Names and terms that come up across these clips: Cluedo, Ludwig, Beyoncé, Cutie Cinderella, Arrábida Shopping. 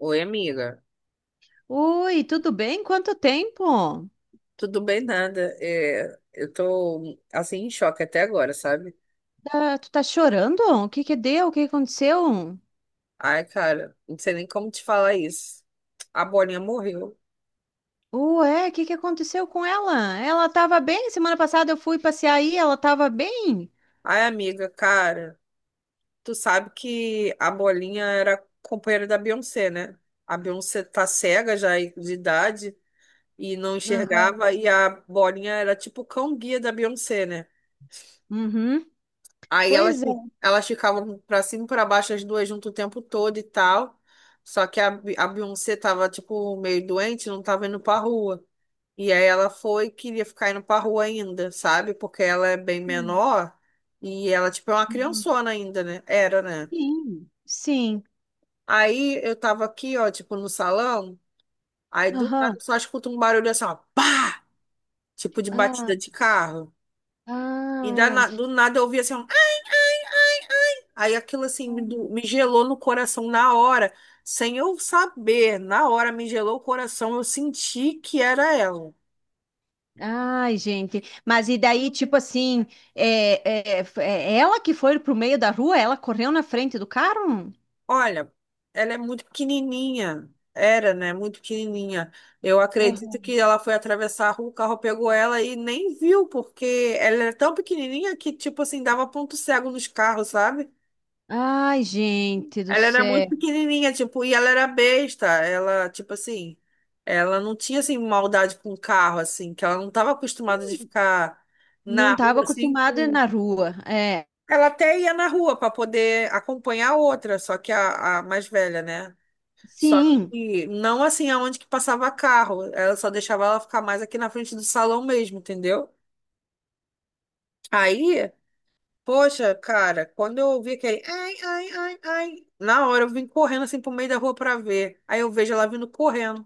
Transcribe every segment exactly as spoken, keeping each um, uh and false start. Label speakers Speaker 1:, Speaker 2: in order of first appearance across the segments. Speaker 1: Oi, amiga.
Speaker 2: Oi, tudo bem? Quanto tempo?
Speaker 1: Tudo bem, nada. É, eu tô, assim, em choque até agora, sabe?
Speaker 2: Tá- tu tá chorando? O que que deu? O que que aconteceu?
Speaker 1: Ai, cara, não sei nem como te falar isso. A Bolinha morreu.
Speaker 2: Ué, o que que aconteceu com ela? Ela tava bem? Semana passada eu fui passear aí, ela tava bem?
Speaker 1: Ai, amiga, cara, tu sabe que a Bolinha era companheira da Beyoncé, né? A Beyoncé tá cega já de idade e não
Speaker 2: Aham.
Speaker 1: enxergava, e a Bolinha era tipo o cão-guia da Beyoncé, né?
Speaker 2: Uhum.
Speaker 1: Aí elas,
Speaker 2: Pois
Speaker 1: fi-
Speaker 2: é.
Speaker 1: elas ficavam pra cima e pra baixo, as duas juntas o tempo todo e tal. Só que a, Bi- a Beyoncé tava, tipo, meio doente, não tava indo pra rua. E aí ela foi e queria ficar indo pra rua ainda, sabe? Porque ela é bem
Speaker 2: Sim.
Speaker 1: menor e ela, tipo, é uma
Speaker 2: Aham.
Speaker 1: criançona ainda, né? Era, né?
Speaker 2: Sim. Sim.
Speaker 1: Aí eu tava aqui, ó, tipo, no salão. Aí do nada
Speaker 2: Aham.
Speaker 1: eu só escuto um barulho assim, ó, pá! Tipo de
Speaker 2: Ah,
Speaker 1: batida de carro. E da,
Speaker 2: ai.
Speaker 1: na- do nada eu ouvi assim, ó. Aí aquilo assim me, do- me gelou no coração na hora, sem eu saber, na hora me gelou o coração, eu senti que era ela.
Speaker 2: Ai, gente. Mas e daí, tipo assim, é, é, é ela que foi pro meio da rua? Ela correu na frente do carro?
Speaker 1: Olha, ela é muito pequenininha, era, né? Muito pequenininha. Eu acredito que ela foi atravessar a rua, o carro pegou ela e nem viu, porque ela era tão pequenininha que, tipo assim, dava ponto cego nos carros, sabe?
Speaker 2: Ai, gente do
Speaker 1: Ela era muito
Speaker 2: céu.
Speaker 1: pequenininha, tipo, e ela era besta. Ela, tipo assim, ela não tinha, assim, maldade com o carro, assim, que ela não estava acostumada de ficar
Speaker 2: Não
Speaker 1: na rua,
Speaker 2: estava
Speaker 1: assim,
Speaker 2: acostumada
Speaker 1: com...
Speaker 2: na rua. É,
Speaker 1: Ela até ia na rua para poder acompanhar a outra, só que a, a mais velha, né? Só
Speaker 2: sim.
Speaker 1: que não, assim, aonde que passava carro. Ela só deixava ela ficar mais aqui na frente do salão mesmo, entendeu? Aí... Poxa, cara, quando eu ouvi aquele ai, ai, ai, ai, na hora eu vim correndo assim pro meio da rua pra ver. Aí eu vejo ela vindo correndo.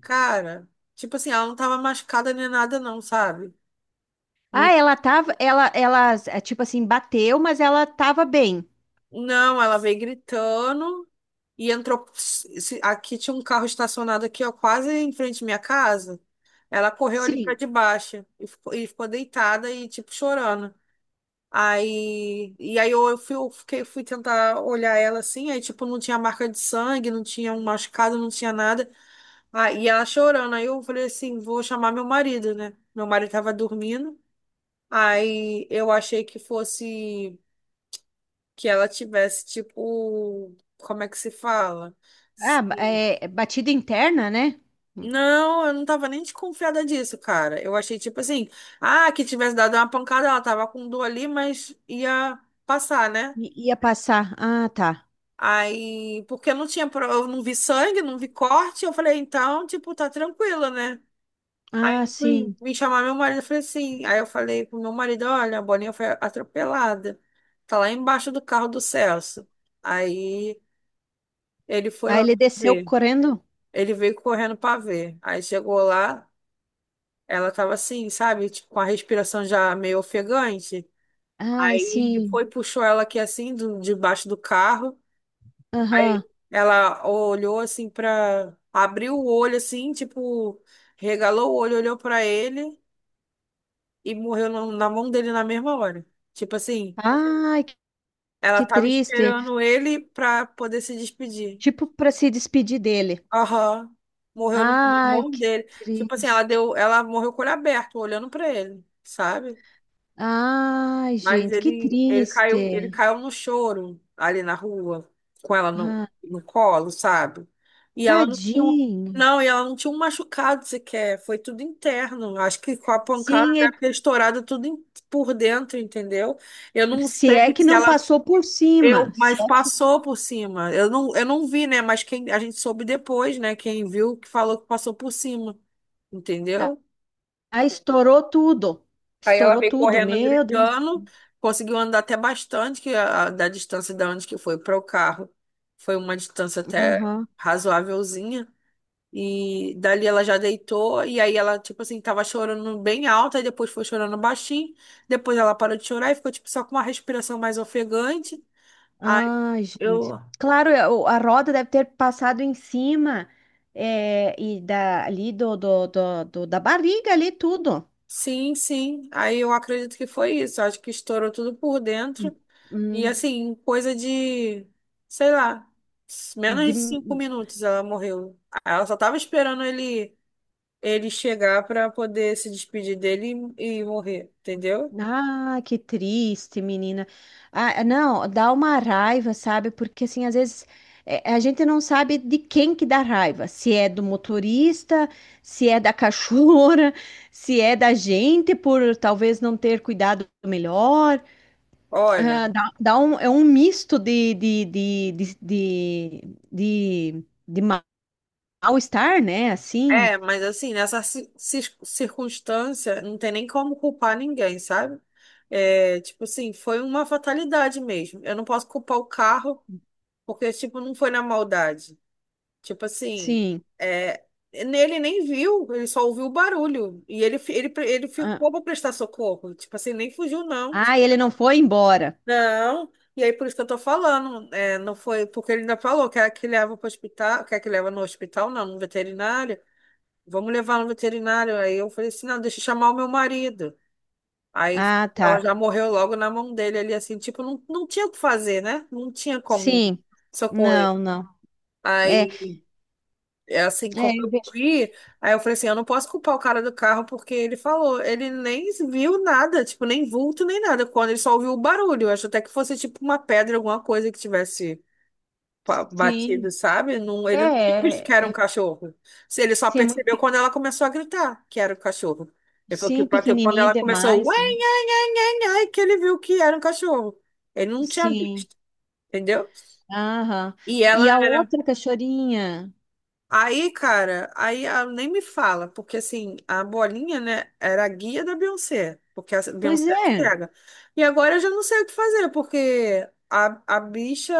Speaker 1: Cara, tipo assim, ela não tava machucada nem nada, não, sabe?
Speaker 2: Ah,
Speaker 1: Não,
Speaker 2: ela tava, ela, ela, é, tipo assim, bateu, mas ela tava bem.
Speaker 1: não, ela veio gritando e entrou. se- Aqui tinha um carro estacionado aqui, ó, quase em frente à minha casa. Ela correu ali pra
Speaker 2: Sim.
Speaker 1: debaixo e ficou, e ficou deitada e, tipo, chorando. Aí, e aí eu, fui, eu fiquei, fui tentar olhar ela assim, aí tipo, não tinha marca de sangue, não tinha um machucado, não tinha nada. Aí ela chorando. Aí eu falei assim, vou chamar meu marido, né? Meu marido tava dormindo. Aí eu achei que fosse que ela tivesse, tipo, como é que se fala? Se-
Speaker 2: Ah, é, é batida interna, né?
Speaker 1: Não, eu não tava nem desconfiada disso, cara. Eu achei tipo assim, ah, que tivesse dado uma pancada, ela tava com dor ali, mas ia passar, né?
Speaker 2: I- ia passar. Ah, tá.
Speaker 1: Aí, porque eu não tinha, pro- eu não vi sangue, não vi corte, eu falei, então, tipo, tá tranquilo, né? Aí
Speaker 2: Ah,
Speaker 1: eu fui
Speaker 2: sim.
Speaker 1: me chamar meu marido, eu falei assim, aí eu falei pro meu marido, olha, a Boninha foi atropelada, tá lá embaixo do carro do Celso. Aí ele foi
Speaker 2: Aí
Speaker 1: lá
Speaker 2: ele desceu
Speaker 1: ver,
Speaker 2: correndo.
Speaker 1: ele veio correndo pra ver. Aí chegou lá, ela tava assim, sabe, tipo, com a respiração já meio ofegante.
Speaker 2: Ai,
Speaker 1: Aí ele
Speaker 2: sim.
Speaker 1: foi, puxou ela aqui assim, do, debaixo do carro.
Speaker 2: Aham.
Speaker 1: Aí ela olhou assim pra. Abriu o olho assim, tipo, regalou o olho, olhou pra ele e morreu na na mão dele na mesma hora. Tipo assim,
Speaker 2: Ai, que
Speaker 1: ela
Speaker 2: que
Speaker 1: tava
Speaker 2: triste.
Speaker 1: esperando ele pra poder se despedir.
Speaker 2: Tipo, para se despedir dele.
Speaker 1: Aham. Morreu na na
Speaker 2: Ai,
Speaker 1: mão
Speaker 2: que
Speaker 1: dele. Tipo assim, ela
Speaker 2: triste.
Speaker 1: deu, ela morreu com o olho aberto, olhando pra ele, sabe?
Speaker 2: Ai,
Speaker 1: Mas
Speaker 2: gente, que
Speaker 1: ele, ele caiu, ele
Speaker 2: triste.
Speaker 1: caiu no choro ali na rua, com ela no,
Speaker 2: Ai.
Speaker 1: no colo, sabe? E ela não tinha, um-
Speaker 2: Tadinho.
Speaker 1: não, e ela não tinha um machucado sequer, foi tudo interno. Acho que com a pancada
Speaker 2: Sim, ele-
Speaker 1: deve ter estourado tudo em- por dentro, entendeu? Eu não
Speaker 2: se
Speaker 1: sei
Speaker 2: é que
Speaker 1: se
Speaker 2: não
Speaker 1: ela,
Speaker 2: passou por cima,
Speaker 1: eu,
Speaker 2: se
Speaker 1: mas
Speaker 2: é que
Speaker 1: passou por cima. Eu não, eu não vi, né? Mas quem a gente soube depois, né? Quem viu que falou que passou por cima,
Speaker 2: ah,
Speaker 1: entendeu?
Speaker 2: ah, estourou tudo.
Speaker 1: Aí ela
Speaker 2: Estourou
Speaker 1: veio
Speaker 2: tudo,
Speaker 1: correndo,
Speaker 2: meu Deus.
Speaker 1: gritando, conseguiu andar até bastante, que a, a- da distância da onde que foi para o carro. Foi uma distância até
Speaker 2: Aham.
Speaker 1: razoávelzinha. E dali ela já deitou, e aí ela, tipo assim, tava chorando bem alta, e depois foi chorando baixinho. Depois ela parou de chorar e ficou, tipo, só com uma respiração mais ofegante. Aí
Speaker 2: Ai, gente.
Speaker 1: eu
Speaker 2: Claro, é, o- a roda deve ter passado em cima é, e da, ali do, do, do, do- da barriga ali tudo.
Speaker 1: Sim, sim. Aí eu acredito que foi isso. Acho que estourou tudo por
Speaker 2: Hum,
Speaker 1: dentro. E
Speaker 2: hum,
Speaker 1: assim, coisa de, sei lá, menos de cinco
Speaker 2: de-
Speaker 1: minutos ela morreu. Ela só tava esperando ele, ele chegar para poder se despedir dele e, e morrer, entendeu?
Speaker 2: Ah, que triste, menina. Ah, é, não, dá uma raiva, sabe? Porque assim, às vezes é, a gente não sabe de quem que dá raiva. Se é do motorista, se é da cachorra, se é da gente por talvez não ter cuidado melhor.
Speaker 1: Olha,
Speaker 2: Ah, dá, dá um, é um misto de, de, de, de, de, de- de ma- mal-estar, né? Assim,
Speaker 1: é, mas assim, nessa ci- ci- circunstância, não tem nem como culpar ninguém, sabe? É, tipo assim, foi uma fatalidade mesmo. Eu não posso culpar o carro, porque, tipo, não foi na maldade. Tipo assim,
Speaker 2: sim.
Speaker 1: é, nele nem viu, ele só ouviu o barulho. E ele, fi- ele, pre- ele
Speaker 2: Ah,
Speaker 1: ficou para prestar socorro. Tipo assim, nem fugiu, não.
Speaker 2: ah, ele não foi embora.
Speaker 1: Não. E aí, por isso que eu tô falando, é, não foi, porque ele ainda falou, quer que leva para hospital, quer que leva no hospital, não, no veterinário. Vamos levar no veterinário. Aí eu falei assim, não, deixa eu chamar o meu marido. Aí
Speaker 2: Ah,
Speaker 1: ela
Speaker 2: tá.
Speaker 1: já morreu logo na mão dele ali, assim, tipo, não, não tinha o que fazer, né? Não tinha como
Speaker 2: Sim.
Speaker 1: socorrer.
Speaker 2: Não, não. É,
Speaker 1: Aí é assim, como
Speaker 2: é, eu
Speaker 1: eu
Speaker 2: vejo.
Speaker 1: vi, aí eu falei assim, eu não posso culpar o cara do carro porque ele falou, ele nem viu nada, tipo, nem vulto, nem nada, quando ele só ouviu o barulho, eu acho até que fosse tipo uma pedra, alguma coisa que tivesse pa-
Speaker 2: Sim,
Speaker 1: batido, sabe? Não, ele não tinha visto que
Speaker 2: é,
Speaker 1: era um
Speaker 2: é,
Speaker 1: cachorro. Se Ele só
Speaker 2: sim, é muito,
Speaker 1: percebeu
Speaker 2: pe-
Speaker 1: quando ela começou a gritar que era o cachorro. Ele falou que
Speaker 2: sim,
Speaker 1: bateu quando
Speaker 2: pequenininha
Speaker 1: ela começou, ué,
Speaker 2: demais, né?
Speaker 1: nhe, nhe, nhe, nhe, que ele viu que era um cachorro. Ele não tinha
Speaker 2: Sim,
Speaker 1: visto, entendeu?
Speaker 2: aham.
Speaker 1: E
Speaker 2: E
Speaker 1: ela
Speaker 2: a outra cachorrinha,
Speaker 1: Aí, cara, aí ah, nem me fala, porque assim, a bolinha, né, era a guia da Beyoncé, porque a
Speaker 2: pois
Speaker 1: Beyoncé é
Speaker 2: é,
Speaker 1: cega. E agora eu já não sei o que fazer, porque a, a bicha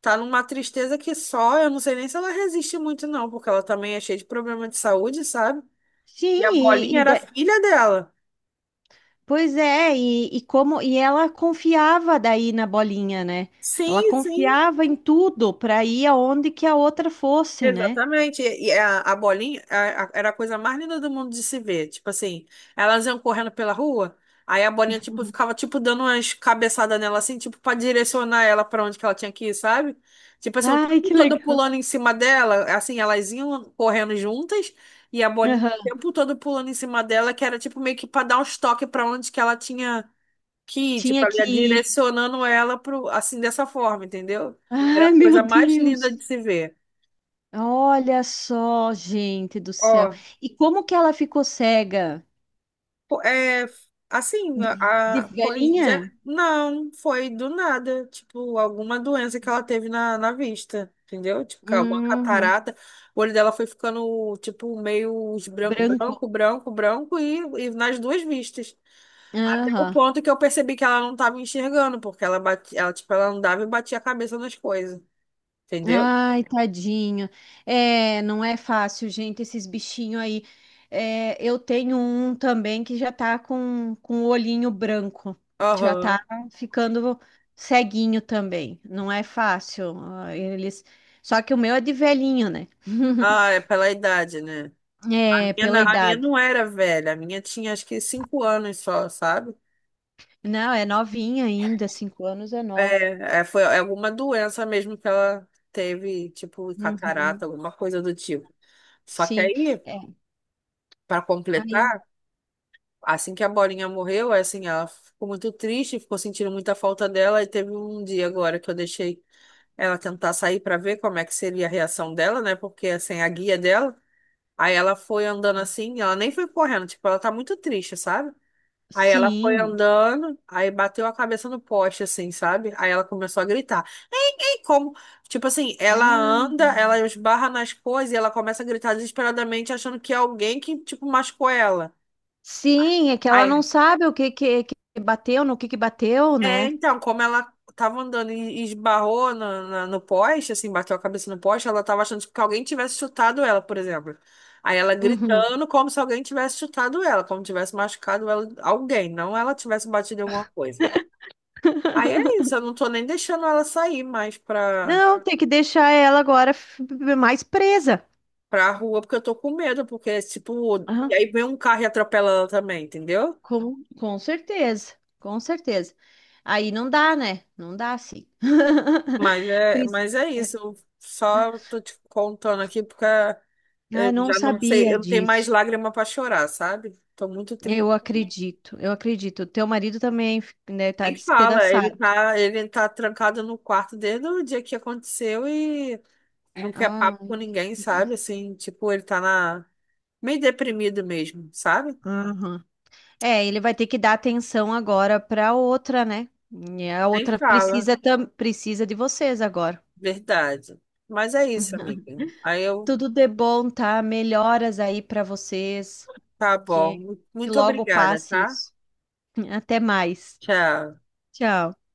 Speaker 1: tá numa tristeza que só, eu não sei nem se ela resiste muito, não, porque ela também é cheia de problema de saúde, sabe?
Speaker 2: sim,
Speaker 1: E a bolinha
Speaker 2: e, e
Speaker 1: era a
Speaker 2: da-
Speaker 1: filha dela.
Speaker 2: pois é, e, e como, e ela confiava daí na bolinha, né? Ela
Speaker 1: Sim, sim.
Speaker 2: confiava em tudo para ir aonde que a outra fosse, né?
Speaker 1: Exatamente. E e a, a bolinha a- a- era a coisa mais linda do mundo de se ver. Tipo assim, elas iam correndo pela rua, aí a bolinha tipo ficava tipo dando umas cabeçadas nela assim, tipo para direcionar ela para onde que ela tinha que ir, sabe? Tipo assim, o
Speaker 2: Ai,
Speaker 1: tempo
Speaker 2: que
Speaker 1: todo
Speaker 2: legal.
Speaker 1: pulando em cima dela, assim, elas iam correndo juntas e a bolinha o
Speaker 2: Aham.
Speaker 1: tempo todo pulando em cima dela, que era tipo meio que para dar uns toques para onde que ela tinha que ir, tipo
Speaker 2: Tinha
Speaker 1: ali
Speaker 2: que
Speaker 1: direcionando ela pro assim dessa forma, entendeu? Era a
Speaker 2: Ai, meu
Speaker 1: coisa mais linda
Speaker 2: Deus.
Speaker 1: de se ver.
Speaker 2: Olha só, gente do céu.
Speaker 1: Ó,
Speaker 2: E como que ela ficou cega?
Speaker 1: pô, é, assim,
Speaker 2: De, de
Speaker 1: a, a- foi,
Speaker 2: velhinha?
Speaker 1: já- não, foi do nada, tipo, alguma doença que ela teve na, na vista, entendeu? Tipo, ca- alguma
Speaker 2: Hum,
Speaker 1: catarata, o olho dela foi ficando, tipo, meio esbran-
Speaker 2: branco.
Speaker 1: branco, branco, branco, e, e nas duas vistas. Até o
Speaker 2: Aham.
Speaker 1: ponto que eu percebi que ela não tava enxergando, porque ela bate ela, tipo, ela andava e batia a cabeça nas coisas, entendeu?
Speaker 2: Ai, tadinho. É, não é fácil, gente, esses bichinhos aí. É, eu tenho um também que já tá com, com o olhinho branco. Já tá
Speaker 1: Aham.
Speaker 2: ficando ceguinho também. Não é fácil. Ah, eles... Só que o meu é de velhinho, né?
Speaker 1: Ah, é pela idade, né? A
Speaker 2: É,
Speaker 1: minha,
Speaker 2: pela
Speaker 1: na- a minha
Speaker 2: idade.
Speaker 1: não era velha, a minha tinha acho que cinco anos só, sabe?
Speaker 2: Não, é novinha ainda, cinco anos é nova.
Speaker 1: É, é, foi alguma doença mesmo que ela teve, tipo catarata,
Speaker 2: Uhum.
Speaker 1: alguma coisa do tipo. Só que
Speaker 2: Sim,
Speaker 1: aí,
Speaker 2: é.
Speaker 1: para
Speaker 2: Aí,
Speaker 1: completar, assim que a Bolinha morreu, é assim, ela ficou muito triste, ficou sentindo muita falta dela e teve um dia agora que eu deixei ela tentar sair para ver como é que seria a reação dela, né? Porque sem assim, a guia dela, aí ela foi andando assim, ela nem foi correndo, tipo, ela tá muito triste, sabe? Aí ela foi
Speaker 2: sim.
Speaker 1: andando, aí bateu a cabeça no poste, assim, sabe? Aí ela começou a gritar. Ei, ei, como? Tipo assim, ela
Speaker 2: Ah,
Speaker 1: anda, ela esbarra nas coisas e ela começa a gritar desesperadamente, achando que é alguém que, tipo, machucou ela.
Speaker 2: sim, é que ela não
Speaker 1: Aí,
Speaker 2: sabe o que que, que bateu, no que que bateu,
Speaker 1: é,
Speaker 2: né?
Speaker 1: então, como ela tava andando e esbarrou na- na- no poste, assim, bateu a cabeça no poste, ela tava achando tipo, que alguém tivesse chutado ela, por exemplo. Aí ela
Speaker 2: Uhum.
Speaker 1: gritando como se alguém tivesse chutado ela, como tivesse machucado ela, alguém, não ela tivesse batido em alguma coisa. Aí é isso, eu não tô nem deixando ela sair mais pra,
Speaker 2: Não, tem que deixar ela agora f- mais presa.
Speaker 1: pra rua, porque eu tô com medo, porque é tipo. E
Speaker 2: Ah,
Speaker 1: aí vem um carro e atropela ela também, entendeu?
Speaker 2: com, com certeza, com certeza. Aí não dá, né? Não dá, sim.
Speaker 1: Mas é,
Speaker 2: Pris-
Speaker 1: mas é isso, eu só tô te contando aqui porque
Speaker 2: Ah,
Speaker 1: eu
Speaker 2: eu não
Speaker 1: já não sei,
Speaker 2: sabia
Speaker 1: eu não tenho mais
Speaker 2: disso.
Speaker 1: lágrima pra chorar, sabe? Tô muito
Speaker 2: Eu
Speaker 1: triste.
Speaker 2: acredito, eu acredito. Teu marido também, né, tá
Speaker 1: Nem fala, ele
Speaker 2: despedaçado.
Speaker 1: tá, ele tá trancado no quarto desde o dia que aconteceu e não quer
Speaker 2: Ah,
Speaker 1: papo com ninguém, sabe? Assim, tipo, ele tá na... meio deprimido mesmo, sabe?
Speaker 2: aham. É, ele vai ter que dar atenção agora para outra, né? E a
Speaker 1: Nem
Speaker 2: outra
Speaker 1: fala.
Speaker 2: precisa tam- precisa de vocês agora.
Speaker 1: Verdade. Mas é isso, amiga. Aí eu,
Speaker 2: Tudo de bom, tá? Melhoras aí para vocês.
Speaker 1: tá
Speaker 2: Que
Speaker 1: bom.
Speaker 2: que
Speaker 1: Muito
Speaker 2: logo
Speaker 1: obrigada,
Speaker 2: passe
Speaker 1: tá?
Speaker 2: isso. Até mais.
Speaker 1: Tchau.
Speaker 2: Tchau.